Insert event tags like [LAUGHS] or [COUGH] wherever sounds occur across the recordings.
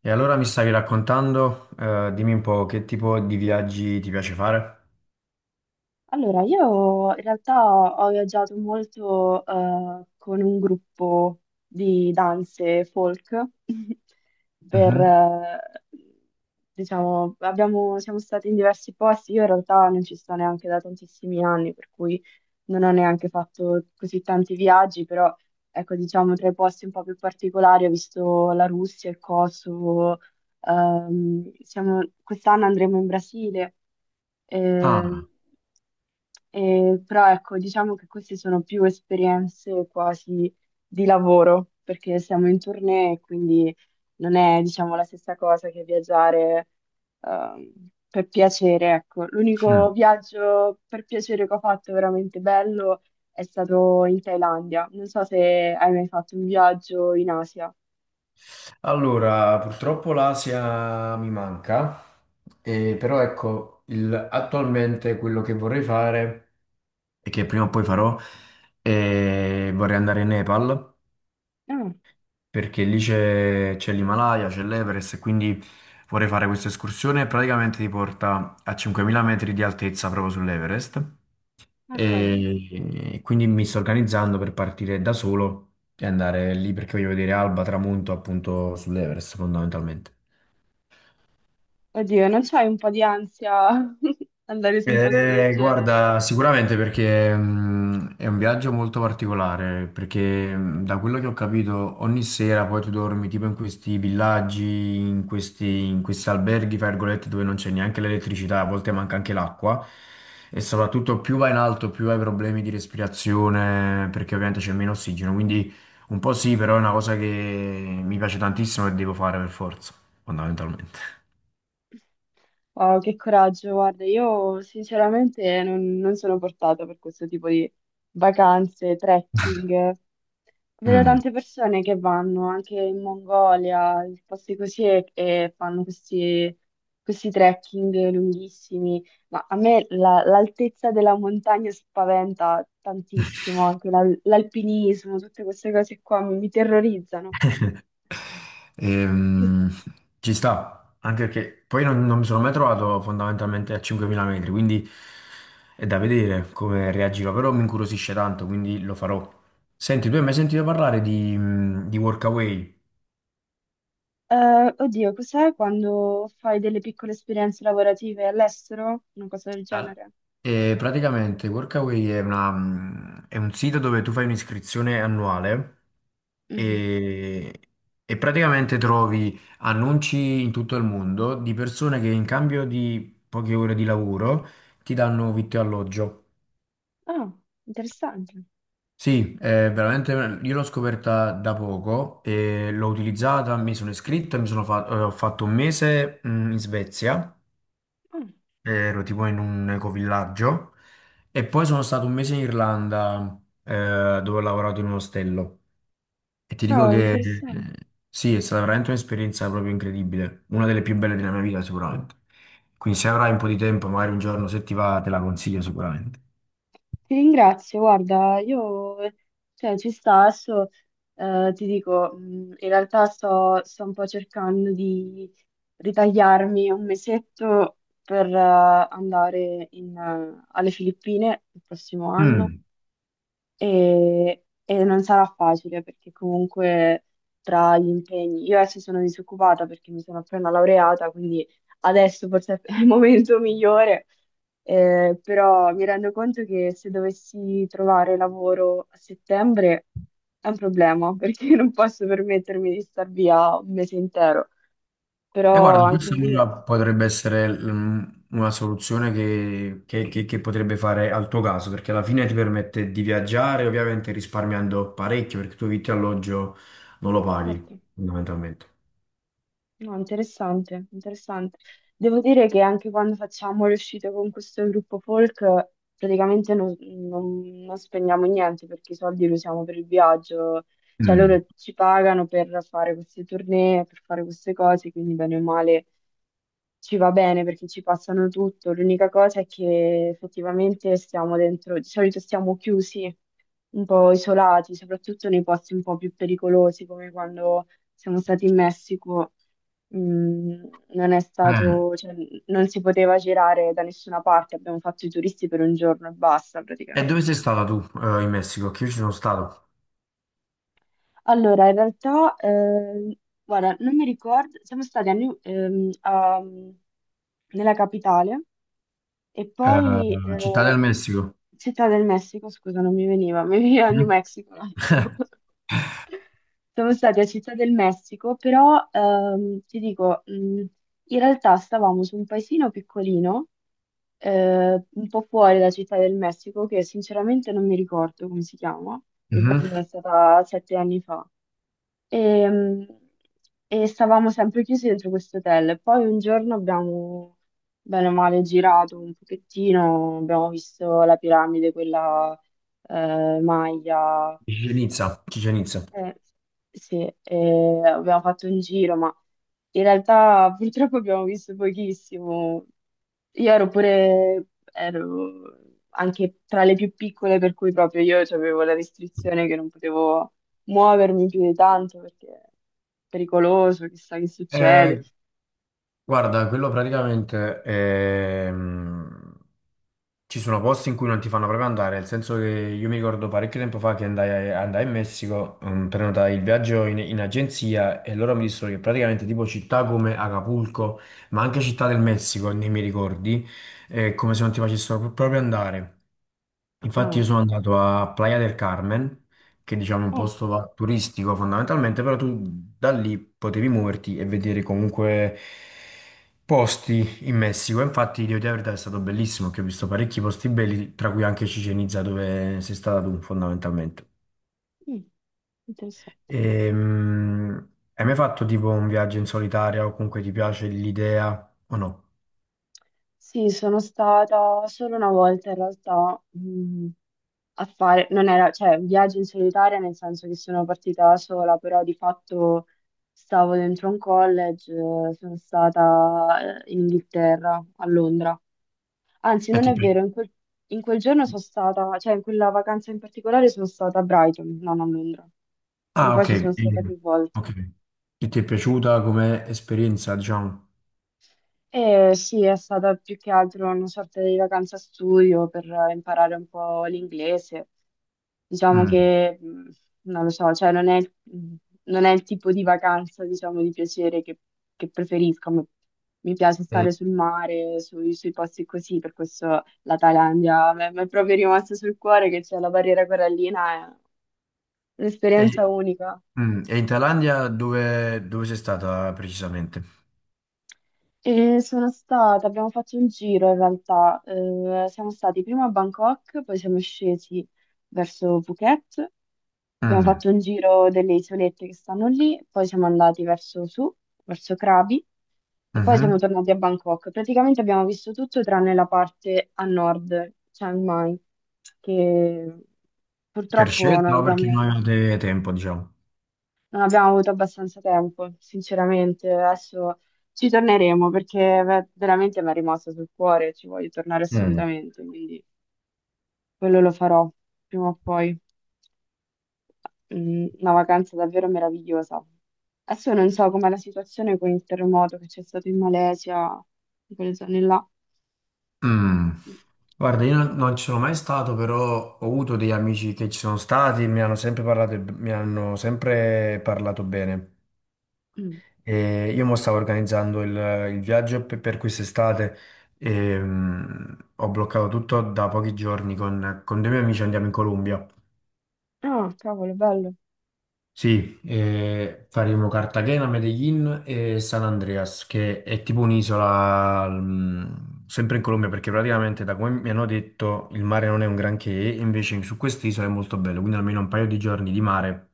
E allora mi stavi raccontando, dimmi un po' che tipo di viaggi ti piace fare? Allora, io in realtà ho viaggiato molto con un gruppo di danze folk [LAUGHS] per, Mhm. eh, siamo stati in diversi posti, io in realtà non ci sto neanche da tantissimi anni, per cui non ho neanche fatto così tanti viaggi, però ecco, diciamo tra i posti un po' più particolari ho visto la Russia, il Kosovo, quest'anno andremo in Brasile, eh, Ah, però ecco, diciamo che queste sono più esperienze quasi di lavoro, perché siamo in tournée, quindi non è, diciamo, la stessa cosa che viaggiare per piacere, ecco. L'unico mm. viaggio per piacere che ho fatto veramente bello è stato in Thailandia. Non so se hai mai fatto un viaggio in Asia. Allora, purtroppo l'Asia mi manca, però ecco, attualmente quello che vorrei fare e che prima o poi farò è vorrei andare in Nepal Ah, perché lì c'è l'Himalaya, c'è l'Everest e quindi vorrei fare questa escursione praticamente ti porta a 5.000 metri di altezza proprio sull'Everest. ah, cavolo. E quindi mi sto organizzando per partire da solo e andare lì perché voglio vedere alba, tramonto appunto sull'Everest fondamentalmente. Oddio, non c'hai un po' di ansia [LAUGHS] andare su un posto del genere? Guarda, sicuramente perché è un viaggio molto particolare, perché da quello che ho capito ogni sera poi tu dormi tipo in questi villaggi, in questi alberghi, fra virgolette, dove non c'è neanche l'elettricità, a volte manca anche l'acqua e soprattutto più vai in alto più hai problemi di respirazione perché ovviamente c'è meno ossigeno, quindi un po' sì, però è una cosa che mi piace tantissimo e devo fare per forza, fondamentalmente. Wow, che coraggio, guarda, io sinceramente non sono portata per questo tipo di vacanze, trekking. Vedo Mm. tante persone che vanno anche in Mongolia, in posti così, e fanno questi, questi trekking lunghissimi. Ma a me l'altezza della montagna spaventa [LAUGHS] tantissimo, anche l'alpinismo, tutte queste cose qua mi terrorizzano. Ti- Ehm, ci sta, anche perché poi non mi sono mai trovato fondamentalmente a 5.000 metri, quindi è da vedere come reagirò, però mi incuriosisce tanto, quindi lo farò. Senti, tu hai mai sentito parlare di Workaway? Oddio, cos'è, quando fai delle piccole esperienze lavorative all'estero? Una cosa del Al- genere? E praticamente Workaway è un sito dove tu fai un'iscrizione annuale Mhm. e, e praticamente trovi annunci in tutto il mondo di persone che in cambio di poche ore di lavoro ti danno vitto e alloggio. Ah, interessante. Sì, è veramente, io l'ho scoperta da poco e l'ho utilizzata, mi sono iscritto, ho fatto un mese in Svezia Ah, ero tipo in un ecovillaggio e poi sono stato un mese in Irlanda dove ho lavorato in un ostello e ti dico cavolo, che interessante. Sì, è stata veramente un'esperienza proprio incredibile, una delle più belle della mia vita sicuramente. Quindi se avrai un po' di tempo, magari un giorno se ti va, te la consiglio sicuramente. Ti ringrazio, guarda, io cioè, ci sta, adesso ti dico, in realtà sto un po' cercando di ritagliarmi un mesetto per andare alle Filippine il prossimo anno Mm. E non sarà facile perché comunque tra gli impegni, io adesso sono disoccupata perché mi sono appena laureata, quindi adesso forse è il momento migliore, però mi rendo conto che se dovessi trovare lavoro a settembre è un problema perché [LAUGHS] non posso permettermi di star via un mese intero, E però guarda, anche questa lì... allora potrebbe essere una soluzione che potrebbe fare al tuo caso, perché alla fine ti permette di viaggiare, ovviamente risparmiando parecchio, perché tu vitto e alloggio non lo paghi, forte. fondamentalmente. No, interessante, interessante. Devo dire che anche quando facciamo le uscite con questo gruppo folk, praticamente non spendiamo niente perché i soldi li usiamo per il viaggio, cioè Mm. loro ci pagano per fare queste tournée, per fare queste cose, quindi bene o male ci va bene perché ci passano tutto. L'unica cosa è che effettivamente stiamo dentro, di solito stiamo chiusi, un po' isolati, soprattutto nei posti un po' più pericolosi, come quando siamo stati in Messico. Mm, non è Eh, stato, cioè, non si poteva girare da nessuna parte, abbiamo fatto i turisti per un giorno e basta E praticamente. dove sei stata tu, in Messico? Che io ci sono stato. Allora, in realtà, guarda, non mi ricordo, siamo stati a nella capitale e poi Eh, Città del Messico. Città del Messico, scusa, non mi veniva, mi veniva [LAUGHS] New Mm? Mexico un attimo. [LAUGHS] Siamo stati a Città del Messico, però ti dico, in realtà stavamo su un paesino piccolino un po' fuori da Città del Messico, che sinceramente non mi ricordo come si chiama, ricordo Mhm. che era stata 7 anni fa. E, mm, e stavamo sempre chiusi dentro questo hotel. Poi un giorno abbiamo, bene o male, girato un pochettino, abbiamo visto la piramide, quella Maya. Chichén Itzá, Chichén Itzá. Eh, sì, abbiamo fatto un giro, ma in realtà purtroppo abbiamo visto pochissimo. Io ero pure, ero anche tra le più piccole, per cui proprio io avevo la restrizione che non potevo muovermi più di tanto perché è pericoloso, chissà che succede. Eh, guarda, quello praticamente ci sono posti in cui non ti fanno proprio andare, nel senso che io mi ricordo parecchio tempo fa che andai in Messico, prenotai il viaggio in agenzia e loro mi dissero che praticamente tipo città come Acapulco, ma anche città del Messico, nei miei ricordi, è come se non ti facessero proprio andare. Infatti Ah, io sono andato a Playa del Carmen, che diciamo è un oh, posto turistico fondamentalmente, però tu da lì potevi muoverti e vedere comunque posti in Messico. Infatti devo dire la verità è stato bellissimo, che ho visto parecchi posti belli, tra cui anche Chichén Itzá dove sei stata tu fondamentalmente. mm, interessante. Hai mai fatto tipo un viaggio in solitaria o comunque ti piace l'idea o no? Sì, sono stata solo una volta in realtà a fare, non era, cioè, un viaggio in solitaria nel senso che sono partita da sola, però di fatto stavo dentro un college, sono stata in Inghilterra, a Londra. Anzi, E non ti è pi- vero, in quel giorno sono stata, cioè in quella vacanza in particolare sono stata a Brighton, non a Londra, perché Ah, poi ok. ci sono stata più volte. Ok. Che ti è piaciuta come esperienza, diciamo? Sì, è stata più che altro una sorta di vacanza studio per imparare un po' l'inglese. Diciamo Mm. che, non lo so, cioè non è, non è il tipo di vacanza, diciamo, di piacere che preferisco. Mi piace E, stare sul mare, sui posti così, per questo la Thailandia mi è proprio rimasta sul cuore, che c'è la barriera corallina, è e- un'esperienza unica. mm. E in Thailandia dove sei stata precisamente? Sono stata, abbiamo fatto un giro in realtà. Siamo stati prima a Bangkok, poi siamo scesi verso Phuket, abbiamo Mm. fatto un giro delle isolette che stanno lì, poi siamo andati verso su, verso Krabi e poi siamo Mhm. tornati a Bangkok. Praticamente abbiamo visto tutto tranne la parte a nord, Chiang Mai, che Per purtroppo scelta o perché non avevate tempo, diciamo? non abbiamo avuto abbastanza tempo, sinceramente. Adesso ci torneremo perché veramente mi è rimasta sul cuore, ci voglio tornare Mm. assolutamente, quindi quello lo farò prima o poi. Mm, una vacanza davvero meravigliosa. Adesso non so com'è la situazione con il terremoto che c'è stato in Malesia, in quelle zone là. Mm. Guarda, io non ci sono mai stato, però ho avuto degli amici che ci sono stati, mi hanno sempre parlato, mi hanno sempre parlato bene. Mm. E io mo stavo organizzando il viaggio per quest'estate e ho bloccato tutto da pochi giorni con dei miei amici andiamo in Colombia. Ah, cavolo, bello. Sì, faremo Cartagena, Medellin e San Andreas, che è tipo un'isola, sempre in Colombia, perché praticamente da come mi hanno detto il mare non è un granché, invece su quest'isola è molto bello, quindi almeno un paio di giorni di mare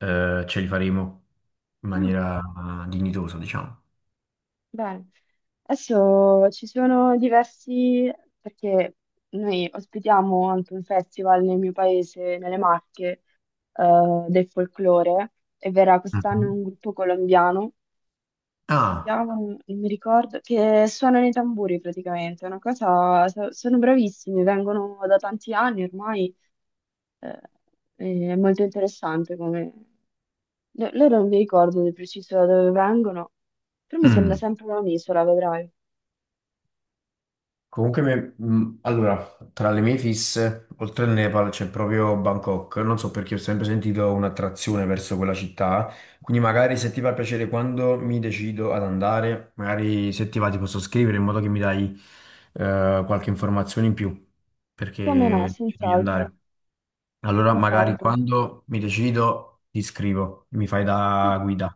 ce li faremo in Ah. maniera dignitosa, diciamo. Bene, adesso ci sono diversi, perché noi ospitiamo anche un festival nel mio paese, nelle Marche, del folklore, e verrà quest'anno Mhm. un gruppo colombiano, si Ah, chiamano, non mi ricordo, che suonano i tamburi praticamente, è una cosa, sono bravissimi, vengono da tanti anni ormai, eh, è molto interessante come... Loro non mi ricordo di preciso da dove vengono, però mi sembra mm. sempre un'isola, vedrai. Comunque, allora, tra le mie fisse, oltre al Nepal c'è proprio Bangkok. Non so perché ho sempre sentito un'attrazione verso quella città. Quindi, magari se ti fa piacere quando mi decido ad andare, magari se ti va ti posso scrivere in modo che mi dai qualche informazione in più Come no, perché ci voglio senz'altro, andare. Allora, magari senz'altro. quando mi decido ti scrivo, mi fai da Sì, guida.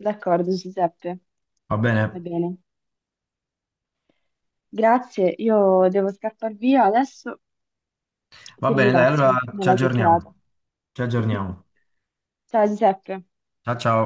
d'accordo, Giuseppe, Va bene? va bene. Grazie, io devo scappare via adesso. Va Ti bene, dai, allora ringrazio ci della chiacchierata. aggiorniamo. Ci [LAUGHS] aggiorniamo. Ciao Giuseppe. Ciao ciao.